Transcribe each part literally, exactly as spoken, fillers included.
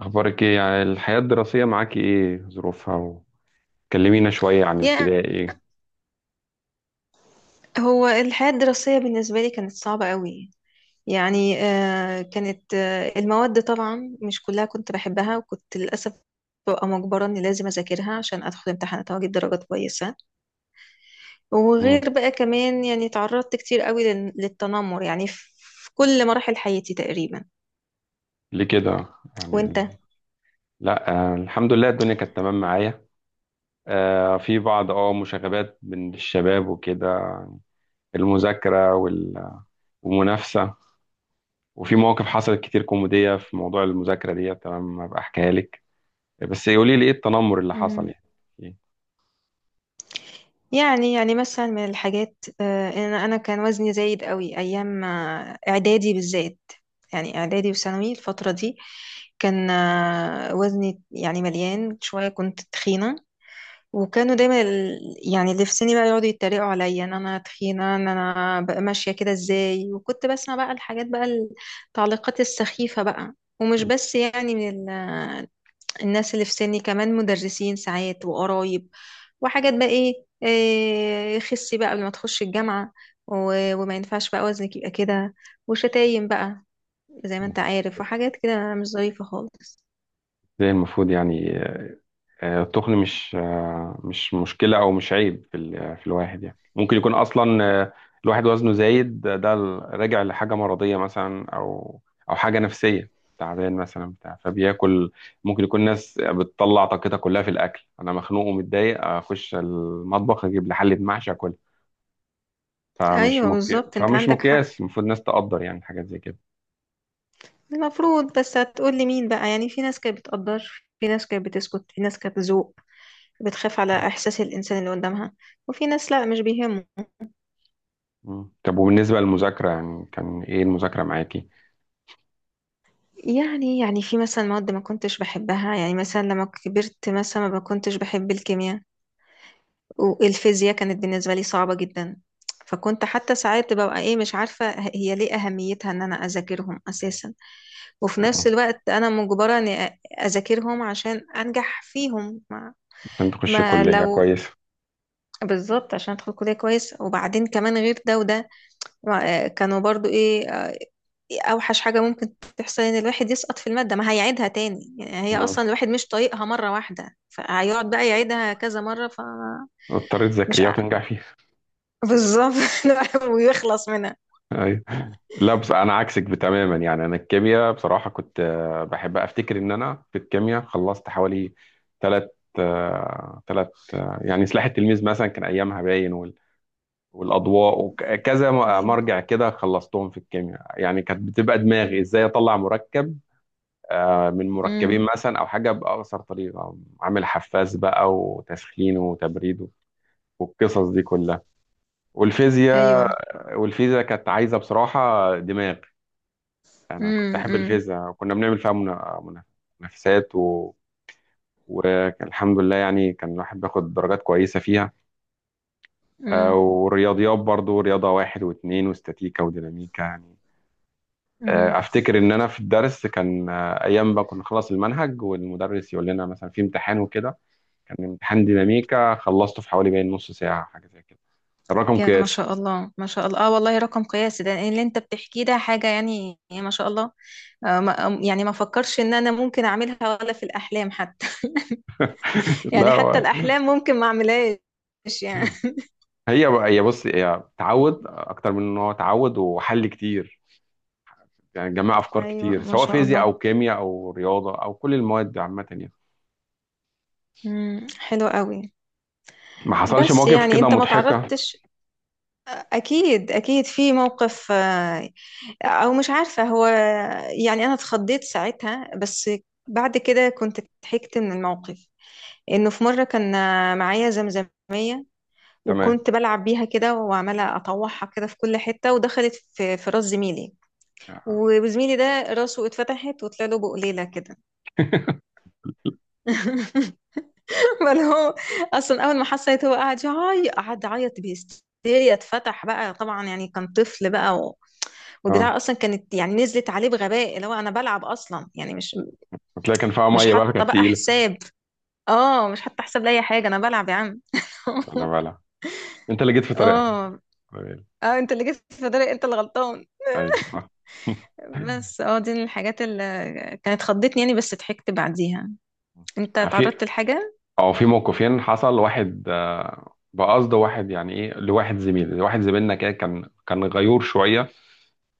أخبارك إيه؟ يعني الحياة الدراسية معاكي إيه ظروفها؟ وكلمينا شوية عن يا ابتدائي. هو الحياة الدراسية بالنسبة لي كانت صعبة قوي. يعني آه، كانت آه، المواد طبعا مش كلها كنت بحبها، وكنت للأسف ببقى مجبرة إني لازم أذاكرها عشان أدخل امتحانات وأجيب درجات كويسة. مم. وغير بقى كمان يعني تعرضت كتير قوي لل- للتنمر يعني في في كل مراحل حياتي تقريبا. ليه كده؟ يعني. وأنت؟ لأ آه، الحمد لله الدنيا كانت تمام معايا. آه، في بعض أه مشاغبات من الشباب وكده، المذاكرة وال- والمنافسة. وفي مواقف حصلت كتير كوميدية في موضوع المذاكرة دي، تمام، أبقى أحكيها لك. بس قولي لي إيه التنمر اللي حصل يعني؟ إيه؟ يعني يعني مثلا من الحاجات، آه، ان انا كان وزني زايد قوي ايام آه، اعدادي بالذات. يعني اعدادي وثانوي الفتره دي، كان آه، وزني يعني مليان شويه، كنت تخينه. وكانوا دايما ال- يعني اللي في سني بقى يقعدوا يتريقوا عليا ان انا تخينه، ان انا بقى ماشيه كده ازاي، وكنت بسمع بقى الحاجات بقى، التعليقات السخيفه بقى. ومش بس يعني من ال- آه، الناس اللي في سني، كمان مدرسين ساعات وقرايب، وحاجات بقى ايه, إيه خسي بقى قبل ما تخش الجامعة، و- وما ينفعش بقى وزنك يبقى كده، وشتايم بقى زي ما انت عارف، وحاجات كده مش ظريفة خالص. إزاي المفروض يعني. آه، التخن مش آه، مش مشكلة أو مش عيب في ال- في الواحد، يعني ممكن يكون أصلا آه، الواحد وزنه زايد، ده ده راجع لحاجة مرضية مثلا، أو أو حاجة نفسية، تعبان مثلا بتاع فبياكل. ممكن يكون ناس بتطلع طاقتها كلها في الأكل، أنا مخنوق ومتضايق أخش المطبخ أجيب لي حلة محشي أكلها. فمش ايوه مكي... بالظبط، انت فمش عندك حق. مقياس. المفروض الناس تقدر يعني حاجات زي كده. المفروض، بس هتقول لي مين بقى؟ يعني في ناس كانت بتقدر، في ناس كانت بتسكت، في ناس كانت بتذوق، بتخاف على احساس الانسان اللي قدامها، وفي ناس لا مش بيهمه. مم. طب وبالنسبة للمذاكرة، يعني كان إيه المذاكرة معاكي؟ يعني يعني في مثلا مواد ما كنتش بحبها، يعني مثلا لما كبرت مثلا ما كنتش بحب الكيمياء، والفيزياء كانت بالنسبة لي صعبة جدا. فكنت حتى ساعات ببقى ايه مش عارفة هي ليه أهميتها ان انا اذاكرهم اساسا، وفي نفس آه، الوقت انا مجبرة اني أ- اذاكرهم عشان انجح فيهم ما, عشان تخشي ما كلية لو كويسة. بالظبط، عشان ادخل كلية كويس، وبعدين كمان غير ده وده ما- كانوا برضو ايه آه، اوحش حاجة ممكن تحصل ان الواحد يسقط في المادة ما هيعيدها تاني. يعني هي اصلا الواحد مش طايقها مرة واحدة، فهيقعد بقى يعيدها كذا مرة. اضطريت فمش ذاكريها وتنجح فيها. بالظبط. لا، ويخلص منها. ايوه. لا بس انا عكسك تماما، يعني انا الكيمياء بصراحه كنت آه، بحب. افتكر ان انا في الكيمياء خلصت حوالي ثلاث ثلاث يعني سلاح التلميذ مثلا كان ايامها باين وال- والاضواء وكذا م- ايوه. مرجع كده، خلصتهم في الكيمياء. يعني كانت بتبقى دماغي ازاي اطلع مركب آه، من امم. مركبين مثلا، او حاجه باقصر طريقه عامل حفاز بقى وتسخين وتبريد والقصص دي كلها. والفيزياء، ايوه. والفيزا كانت عايزة بصراحة دماغ. أنا كنت امم. أحب امم. الفيزا وكنا بنعمل فيها منا- منا- منافسات و... والحمد لله يعني كان الواحد بياخد درجات كويسة فيها. آه، امم. والرياضيات برضو، رياضة واحد واثنين واستاتيكا وديناميكا يعني. أمم. آه، أفتكر إن أنا في الدرس كان آه، أيام بقى كنا نخلص المنهج والمدرس يقول لنا مثلا في امتحان وكده، كان امتحان ديناميكا خلصته في حوالي باين نص ساعة حاجة زي كده، كان رقم يا ما قياسي. شاء الله، ما شاء الله، اه والله رقم قياسي ده اللي انت بتحكيه، ده حاجة يعني ما شاء الله. آه ما يعني ما فكرش ان انا ممكن اعملها ولا في الاحلام حتى. يعني لا. حتى الاحلام ممكن ما اعملهاش يعني. هي هي بص، هي تعود اكتر من ان هو تعود وحل كتير، يعني جمع افكار ايوه كتير ما سواء شاء فيزياء الله. او كيمياء او رياضه او كل المواد دي عامه يعني. امم. حلو قوي. ما حصلش بس مواقف يعني كده انت ما مضحكه؟ تعرضتش؟ اكيد اكيد في موقف آه، او مش عارفة هو، يعني انا اتخضيت ساعتها، بس بعد كده كنت ضحكت من الموقف. انه في مرة كان معايا زمزمية، تمام. وكنت بلعب بيها كده، وعمالة اطوحها كده في كل حتة، ودخلت في في راس زميلي. اه. وزميلي ده راسه اتفتحت وطلع له بقليلة كده. بل هو اصلا اول ما حسيت، هو قعد يعيط قعد يعيط بهستيريا، اتفتح بقى طبعا يعني كان طفل بقى و... آه. والبتاع اصلا كانت يعني نزلت عليه بغباء، اللي هو انا بلعب اصلا يعني مش هتلاقي كان فيها مش ميه بقى، حاطه كانت بقى تقيله. حساب. اه مش حاطه حساب لاي حاجه، انا بلعب يا عم. لا لا بقى، لا، انت اللي جيت في طريقها. اه طيب. اه، انت اللي جيت في داري، انت اللي غلطان. ايوه صح. بس اه دي من الحاجات اللي كانت خضتني يعني، بس ضحكت بعديها. انت في، اتعرضت لحاجه؟ او في موقفين حصل. واحد آه، بقصد واحد يعني ايه، لواحد زميل، واحد زميلنا كده كان كان غيور شويه.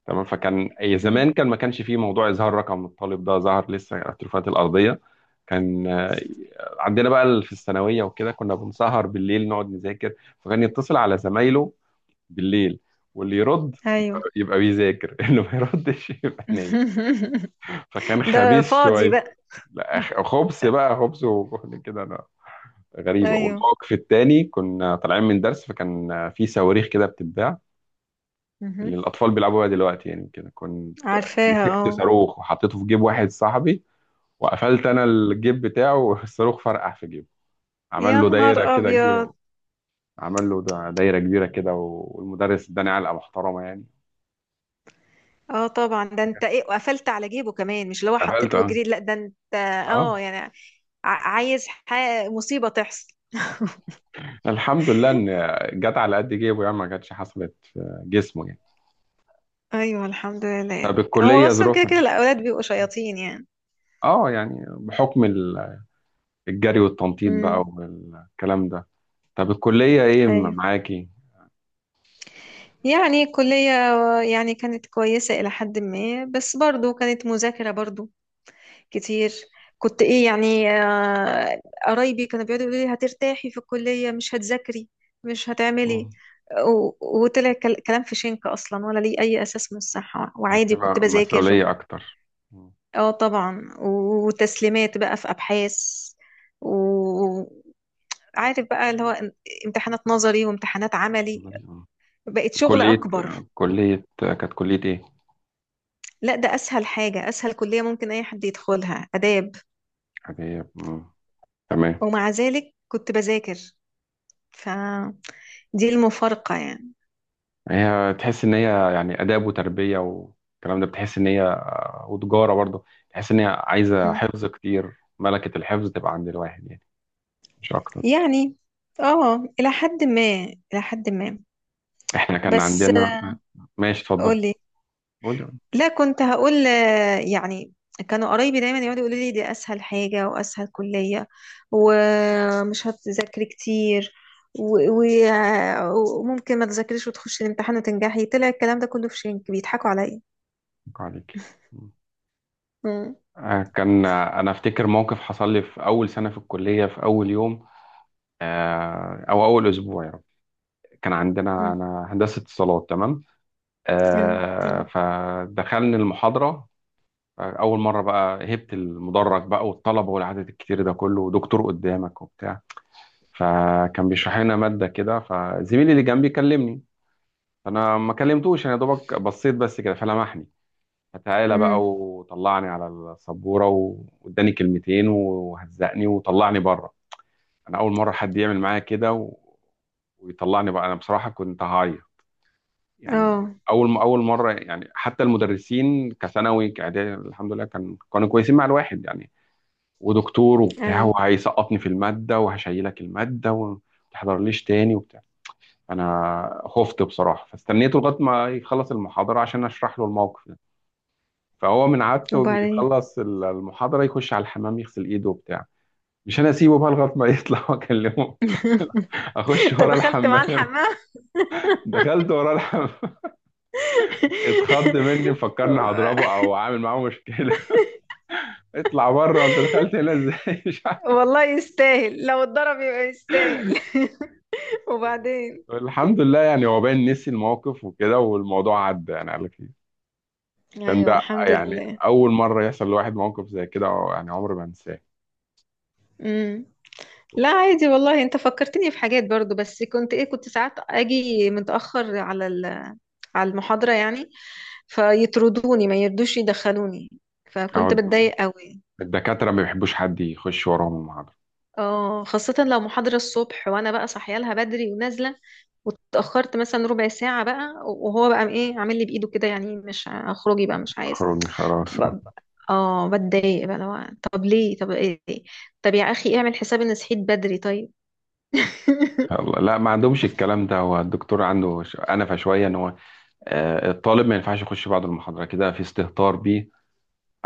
تمام. فكان أي مم. زمان كان ما كانش فيه موضوع اظهار رقم الطالب، ده ظهر لسه على التليفونات الارضيه. كان آه، عندنا بقى ال- في الثانويه وكده كنا بنسهر بالليل نقعد نذاكر. فكان يتصل على زمايله بالليل، واللي يرد ايوه. يبقى بيذاكر، اللي ما يردش يبقى نايم. فكان ده خبيث فاضي شويه. بقى. لا خ- خبث بقى، خبث وكده. غريبة. ايوه. والموقف التاني كنا طالعين من درس، فكان في صواريخ كده بتتباع، اللي مهم. الأطفال بيلعبوا بيها دلوقتي يعني. كده كنت عارفاها مسكت اه. صاروخ وحطيته في جيب واحد صاحبي، وقفلت أنا الجيب بتاعه، والصاروخ فرقع في جيبه. عمل يا له نهار دايرة كده ابيض. كبيرة. عمل له دا- دايرة كبيرة كده، والمدرس اداني علقة محترمة يعني. اه طبعا، ده انت ايه وقفلت على جيبه كمان؟ مش اللي هو قفلت حطيته اه. وجريت؟ لا ده انت اه، اه يعني ع- عايز ح- مصيبه تحصل. الحمد لله ان جت على قد جيبه يعني، ما كانتش حصلت جسمه يعني. ايوه الحمد لله. طب هو الكلية اصلا كده ظروفها؟ كده الاولاد بيبقوا شياطين يعني. اه يعني بحكم ال- الجري والتنطيط بقى امم. والكلام ده. طب الكلية ايه م- ايوه. معاكي؟ يعني الكلية، يعني كانت كويسة إلى حد ما، بس برضو كانت مذاكرة برضو كتير. كنت إيه يعني آه، قرايبي كانوا بيقعدوا يقولوا لي هترتاحي في الكلية، مش هتذاكري، مش هتعملي، اه و- وطلع كل- كلام في شنك أصلا، ولا ليه أي أساس من الصحة. يعني، في وعادي كنت م- بذاكر مسؤولية و- اكتر. آه. اه طبعا، وتسليمات بقى في أبحاث، عارف بقى اللي هو امتحانات نظري وامتحانات عملي، عمال- آه. بقت شغل كلية. أكبر. كلية كانت كلية ايه؟ لا ده أسهل حاجة، أسهل كلية ممكن أي حد يدخلها، آداب. عادية. مم. تمام. ومع ذلك كنت بذاكر، فدي المفارقة يعني. هي تحس ان هي يعني آداب وتربية والكلام ده بتحس ان هي، وتجارة برضه تحس ان هي عايزة م. حفظ كتير، ملكة الحفظ تبقى عند الواحد يعني، مش اكتر. يعني اه إلى حد ما، إلى حد ما، احنا كان بس عندنا. آه، ماشي اتفضل. قولي. قولي. لا كنت هقول آه، يعني كانوا قرايبي دايما يقعدوا يقولوا لي دي اسهل حاجه واسهل كليه، ومش هتذاكري كتير، و- و- آه، وممكن ما تذاكريش وتخشي الامتحان وتنجحي. طلع الكلام ده كله في شنك، بيضحكوا عليا. أتوقع عليك. مم. مم. آه، كان انا افتكر موقف حصل لي في اول سنة في الكلية في اول يوم، آه، او اول اسبوع يعني. كان عندنا مم. انا هندسه اتصالات تمام. آه، آه، تمام. فدخلنا المحاضره. آه، اول مره بقى هبت المدرج بقى والطلبه والعدد الكتير ده كله ودكتور قدامك وبتاع، فكان بيشرح لنا ماده كده، فزميلي اللي جنبي كلمني. فانا ما كلمتوش، انا يا دوبك بصيت بس كده، فلمحني. فتعالى مم. بقى وطلعني على السبوره، واداني كلمتين وهزقني وطلعني بره. انا اول مره حد يعمل معايا كده و... ويطلعني بقى، انا بصراحه كنت هعيط يعني. اه اول اول مره يعني، حتى المدرسين كثانوي كاعدادي الحمد لله كان كانوا كويسين مع الواحد يعني. ودكتور وبتاع ايوه وهيسقطني في الماده وهشيلك الماده وما تحضرليش تاني وبتاع. انا خفت بصراحه، فاستنيته لغايه ما يخلص المحاضره عشان اشرح له الموقف ده. فهو من عادته وبعدين. بيخلص ال- المحاضره يخش على الحمام يغسل ايده وبتاع. مش انا اسيبه بقى لغايه ما يطلع واكلمه. اخش انت ورا دخلت مع الحمام. الحمام؟ دخلت وراه الحمام. اتخض مني، مفكرني هضربه او عامل معاه مشكله. اطلع بره، انت دخلت هنا ازاي؟ مش عارف. والله يستاهل، لو اتضرب يبقى يستاهل. وبعدين. الحمد لله يعني هو باين نسي الموقف وكده والموضوع عدى يعني، قال لك إيه. كان ايوه ده الحمد يعني لله. اول مره يحصل لواحد موقف زي كده، أو يعني عمري ما انساه. مم. لا عادي والله، انت فكرتني في حاجات برضو. بس كنت ايه كنت ساعات اجي متأخر على ال- على المحاضرة يعني، فيطردوني، ما يردوش يدخلوني، أو فكنت بتضايق قوي. الدكاتره ما بيحبوش حد يخش وراهم المحاضره. اه خاصة لو محاضرة الصبح، وانا بقى صاحيه لها بدري ونازلة، واتأخرت مثلا ربع ساعة بقى، وهو بقى ايه عامل لي بإيده كده يعني مش اخرجي بقى مش عايز. اخروني خلاص آه. ب- اه بتضايق بقى لو. طب ليه؟ طب ايه؟ طب يا اخي اعمل حساب ان صحيت بدري، طيب. يلا لا، ما عندهمش الكلام ده، هو الدكتور عنده ش- انفه شويه ان هو آه، الطالب ما ينفعش يخش بعد المحاضره كده، في استهتار بيه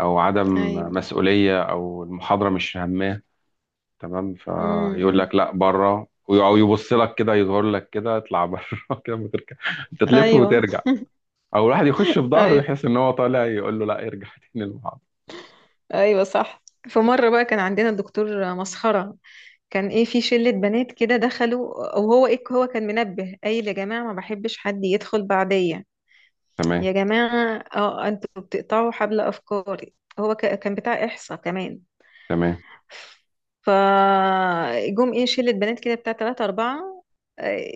او عدم ايوه. مسؤوليه او المحاضره مش هامه. تمام. فيقول امم. لك لا بره، او يبص لك كده يظهر لك كده اطلع بره. كده وترجع، انت تلف ايوه. وترجع. او الواحد يخش بظهره ايوه. يحس ان هو طالع يقول له لا ارجع تاني المحاضره. ايوه صح. في مره بقى كان عندنا الدكتور مسخره، كان ايه في شله بنات كده دخلوا، او هو ايه هو كان منبه قايل يا جماعه ما بحبش حد يدخل بعديا، تمام. يا جماعه اه انتوا بتقطعوا حبل افكاري. هو ك- كان بتاع احصاء كمان. تمام. فجم ايه شلة بنات كده بتاع تلاتة أربعة، آه،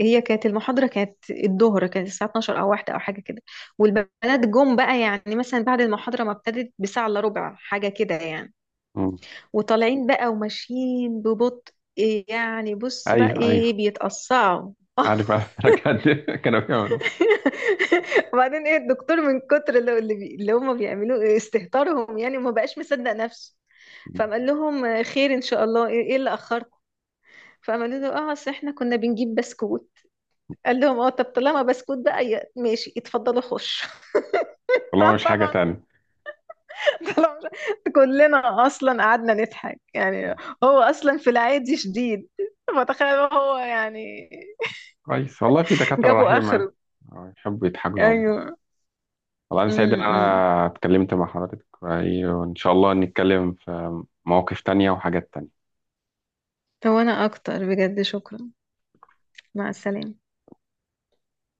هي كانت المحاضرة، كانت الظهر، كانت الساعة اثنا عشر أو واحدة أو حاجة كده. والبنات جم بقى يعني مثلا بعد المحاضرة ما ابتدت بساعة إلا ربع حاجة كده يعني، مم. وطالعين بقى وماشيين ببطء إيه يعني، بص بقى ايوه ايوه. ايه بيتقصعوا. عارف عارف. كان- كانوا بيعملوا. وبعدين ايه الدكتور من كتر اللي, اللي بي- اللي هم بيعملوه استهتارهم، يعني ما بقاش مصدق نفسه. فقال لهم خير ان شاء الله ايه، إيه اللي اخركم؟ فعملوا له اه اصل احنا كنا بنجيب بسكوت. قال لهم اه طب طالما بسكوت بقى ي- ماشي، اتفضلوا خش. والله مش حاجه طبعا، تانية. طالما مش- كلنا اصلا قعدنا نضحك يعني. هو اصلا في العادي شديد، فتخيل هو يعني كويس، والله في دكاتره جابوا رحيمه يعني. اخره. آه، يحبوا يضحكوا على بعض. ايوه. والله أنا سعيد إن امم. أنا اتكلمت مع حضرتك وإيه، وإن شاء الله نتكلم في مواقف تانية وحاجات تانية. هو انا اكتر، بجد شكرا. مع السلامة.